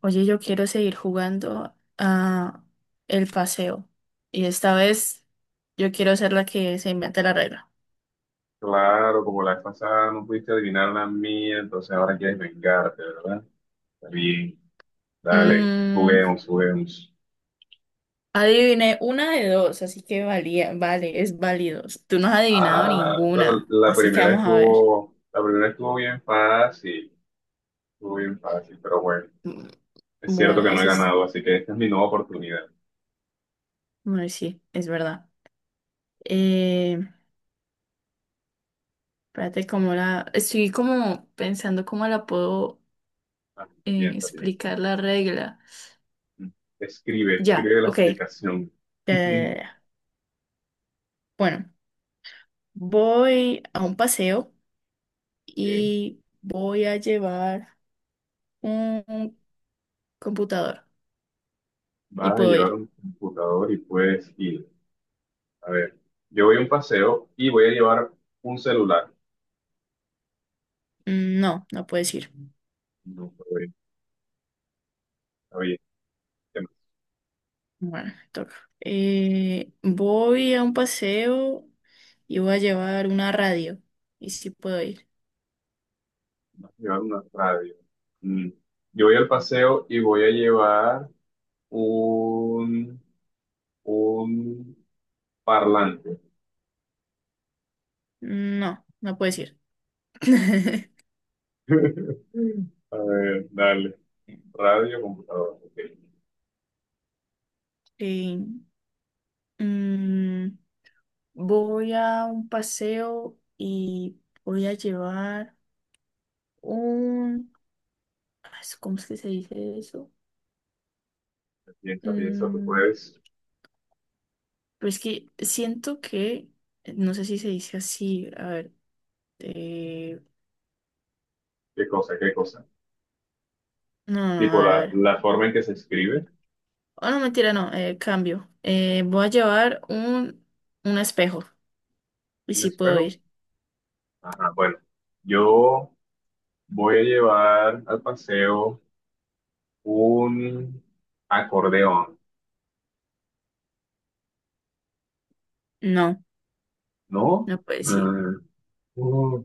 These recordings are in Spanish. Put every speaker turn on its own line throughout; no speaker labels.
Oye, yo quiero seguir jugando a el paseo. Y esta vez yo quiero ser la que se invente la regla.
Claro, como la vez pasada no pudiste adivinar la mía, entonces ahora quieres vengarte, ¿verdad? Está bien, dale,
Mm,
juguemos, juguemos.
Adiviné una de dos, así que vale, es válido. Tú no has adivinado
Ah, bueno,
ninguna, así que vamos a ver.
la primera estuvo bien fácil, pero bueno,
Mm,
es cierto
Bueno,
que no he
eso es,
ganado, así que esta es mi nueva oportunidad.
bueno, sí, es verdad. Eh, Espérate, estoy como pensando cómo la puedo
Ah, piensa, piensa.
explicar la regla.
Escribe,
Ya,
escribe la
ok.
explicación.
Eh, bueno. Voy a un paseo
Eh,
y voy a llevar un computador. ¿Y
Vas a
puedo
llevar
ir?
un computador y puedes ir. A ver, yo voy a un paseo y voy a llevar un celular.
Mm, no, no puedes ir.
No, puedo. Oye, te
Bueno, me toca. Voy a un paseo y voy a llevar una radio. ¿Y si puedo ir?
vas a llevar una radio. Mm. Yo voy al paseo y voy a llevar un, un parlante.
No, no puedes ir.
A ver, dale. Radio, computadora. Ok.
Eh, mm, Voy a un paseo y voy a llevar un... ah, ¿cómo es que se dice eso?
Piensa, piensa, tú
Mm,
puedes.
pero es que siento que no sé si se dice así, a ver, eh,
¿Qué cosa? ¿Qué cosa?
no, no, no, a
Tipo
ver, a
la,
ver.
la forma en que se escribe.
Oh, no, mentira, no, cambio. Voy a llevar un espejo. ¿Y
Un
si puedo
espejo.
ir?
Ajá, bueno. Yo voy a llevar al paseo un acordeón,
No,
¿no?
no puedo ir.
Mm, uh,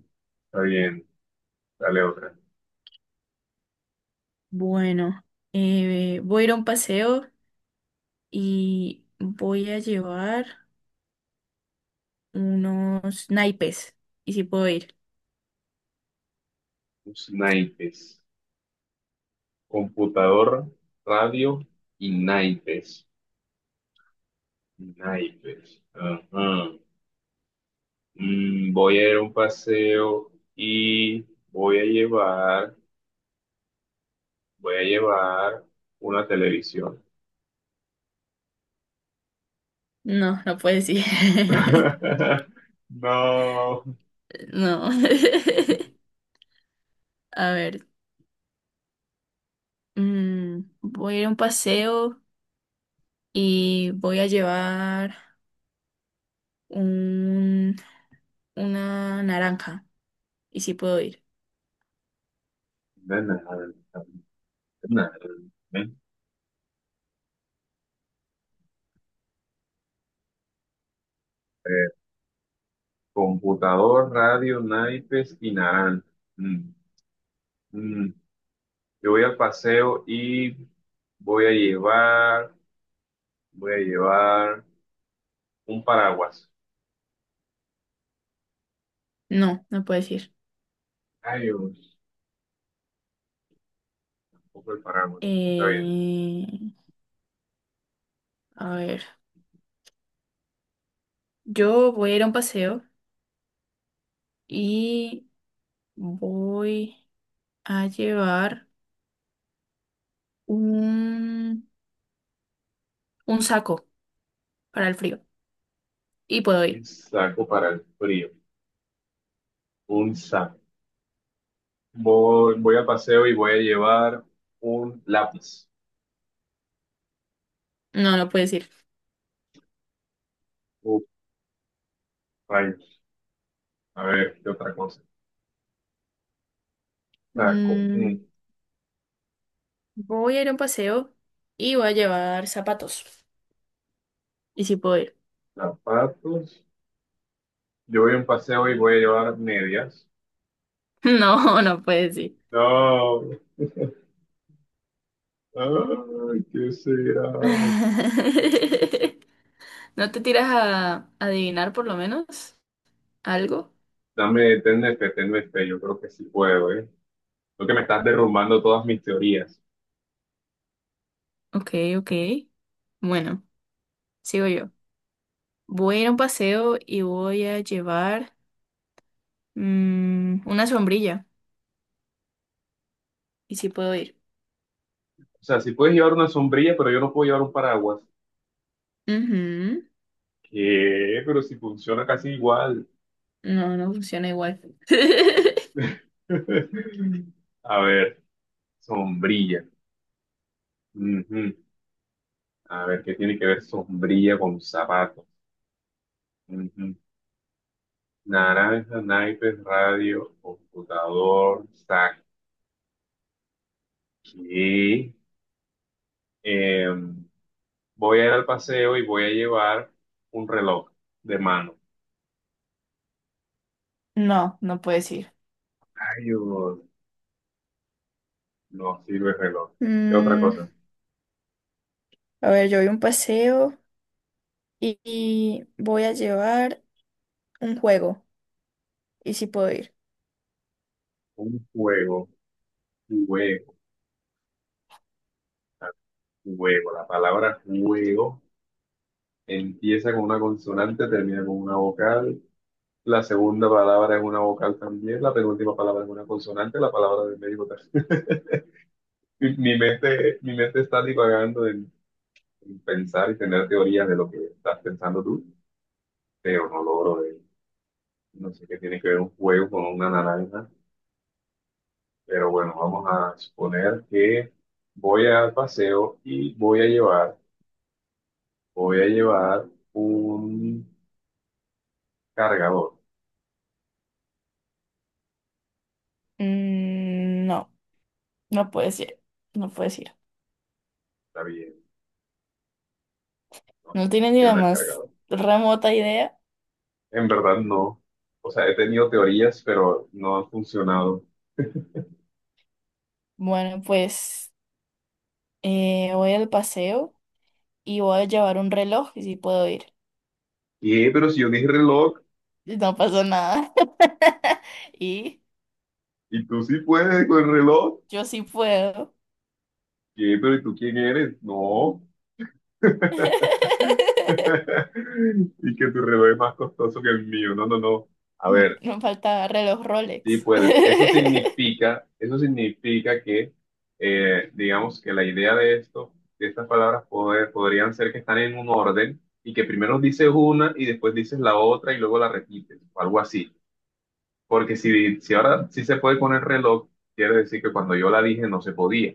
está bien. Dale otra.
Bueno, voy a ir a un paseo y voy a llevar unos naipes. ¿Y si puedo ir?
Los naipes. Computador, radio y naipes. Naipes. Ajá. Voy a ir a un paseo y voy a llevar, voy a llevar una televisión.
No, no puedo ir.
No.
No, a ver, voy a ir a un paseo y voy a llevar... un, una naranja. Y si puedo ir.
De nada, de nada. Eh, Computador, radio, naipes y naranja. Mm, mm. Yo voy al paseo y voy a llevar Voy a llevar un paraguas.
No, no puedes ir.
Ay, Dios, poco el paraguas. Está bien.
Eh, a ver, yo voy a ir a un paseo y voy a llevar un, un saco para el frío. Y puedo
Un
ir.
saco para el frío. Un saco. Voy al paseo y voy a llevar un lápiz.
No, no puedes ir.
Uf, rayos. A ver, ¿qué otra cosa? Saco. Mm.
Mm, Voy a ir a un paseo y voy a llevar zapatos. Y si puedo ir.
Zapatos. Yo voy a un paseo y voy a llevar medias.
No, no puedes ir.
No. Ay, ¿qué será?
¿No te tiras a adivinar por lo menos? ¿Algo?
Dame, tenme fe, tenme fe. Yo creo que sí puedo, ¿eh? Lo que me estás derrumbando todas mis teorías.
Ok, ok. Bueno, sigo yo. Voy a ir a un paseo y voy a llevar una sombrilla. ¿Y si puedo ir?
O sea, si puedes llevar una sombrilla, pero yo no puedo llevar un paraguas.
Ujú.
¿Qué? Pero si funciona casi igual.
No, no funciona igual.
A ver, sombrilla. Ujú. A ver, ¿qué tiene que ver sombrilla con zapatos? Ujú. Naranja, naipes, radio, computador, saqué. Em, voy a ir al paseo y voy a llevar un reloj de mano.
No, no puedes ir.
Ay, Dios, no sirve el reloj. ¿Qué otra
Mm,
cosa?
a ver, yo voy a un paseo y voy a llevar un juego. ¿Y si puedo ir?
Un juego, un juego. Juego, la palabra juego empieza con una consonante, termina con una vocal. La segunda palabra es una vocal también, la penúltima palabra es una consonante, la palabra del médico también. Mi mente está divagando en pensar y tener teorías de lo que estás pensando tú, pero no logro de, no sé qué tiene que ver un juego con una naranja, pero bueno, vamos a suponer que voy al paseo y voy a llevar un cargador,
Mm, no, no puedes ir. No puedes ir.
está bien. No
No tienes ni la
funciona el
más
cargador.
remota idea.
En verdad no. O sea, he tenido teorías, pero no han funcionado.
Bueno, pues voy al paseo y voy a llevar un reloj y sí puedo ir.
¿Qué? Pero si yo dije reloj,
Y no pasó nada. Y
y tú sí puedes con el reloj.
yo sí puedo.
¿Qué? Pero ¿y tú quién eres? No. Y que tu reloj es más costoso que el mío. No, no, no. A ver,
Me faltaba reloj
sí
Rolex.
puedes. Eso significa que, digamos que la idea de esto, de estas palabras podrían ser que están en un orden y que primero dices una y después dices la otra y luego la repites, o algo así. Porque si ahora sí se puede con el reloj, quiere decir que cuando yo la dije no se podía.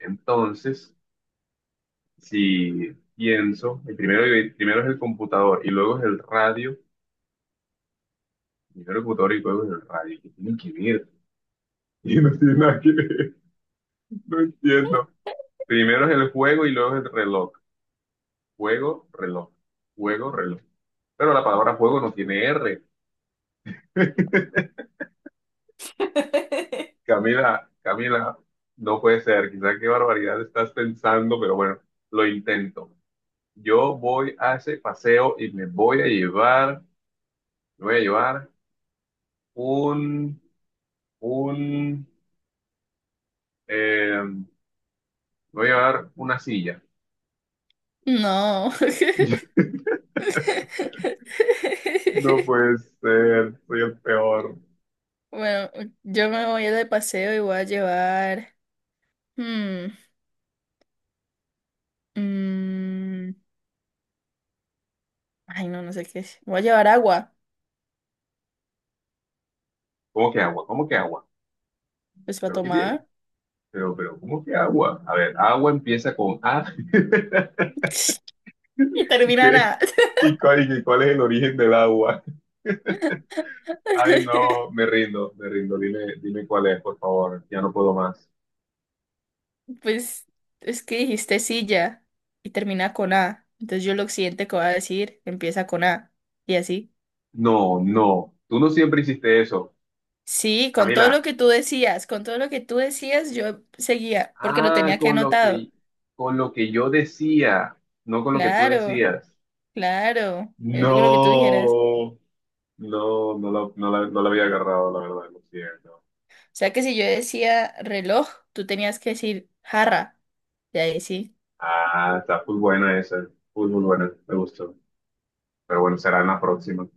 Entonces, si pienso, primero es el computador y luego es el radio, primero el computador y luego es el radio, ¿que tienen que ver? Y no tiene nada que ver, no entiendo. Primero es el juego y luego es el reloj. Juego, reloj, juego, reloj. Pero la palabra juego no tiene R. Camila, Camila, no puede ser, quizá qué barbaridad estás pensando, pero bueno, lo intento. Yo voy a ese paseo y me voy a llevar un, un, eh, me una silla.
No,
No puede ser, soy el peor.
bueno, yo me voy de paseo y voy a llevar... hmm, mm, ay, no, no sé qué es. Voy a llevar agua,
¿Cómo que agua? ¿Cómo que agua?
pues para
Pero qué bien.
tomar
¿Cómo que agua? A ver, agua empieza con A.
y
¿Qué?
terminará.
¿Y cuál es el origen del agua? Ay, no, me rindo, me rindo. Dime, dime cuál es, por favor. Ya no puedo más.
Pues es que dijiste silla y termina con A. Entonces yo lo siguiente que voy a decir empieza con A. Y así.
No, no. Tú no siempre hiciste eso.
Sí, con todo
Camila.
lo que tú decías, con todo lo que tú decías, yo seguía, porque lo
Ah,
tenía que
con lo
anotado.
que, con lo que yo decía, no con lo que tú
Claro,
decías.
claro, es lo que tú dijeras.
No, no, no la había agarrado, la verdad, lo siento.
O sea que si yo decía reloj, tú tenías que decir jarra. Y ahí sí.
Ah, está muy buena esa, muy, muy buena, me gustó. Pero bueno, será en la próxima.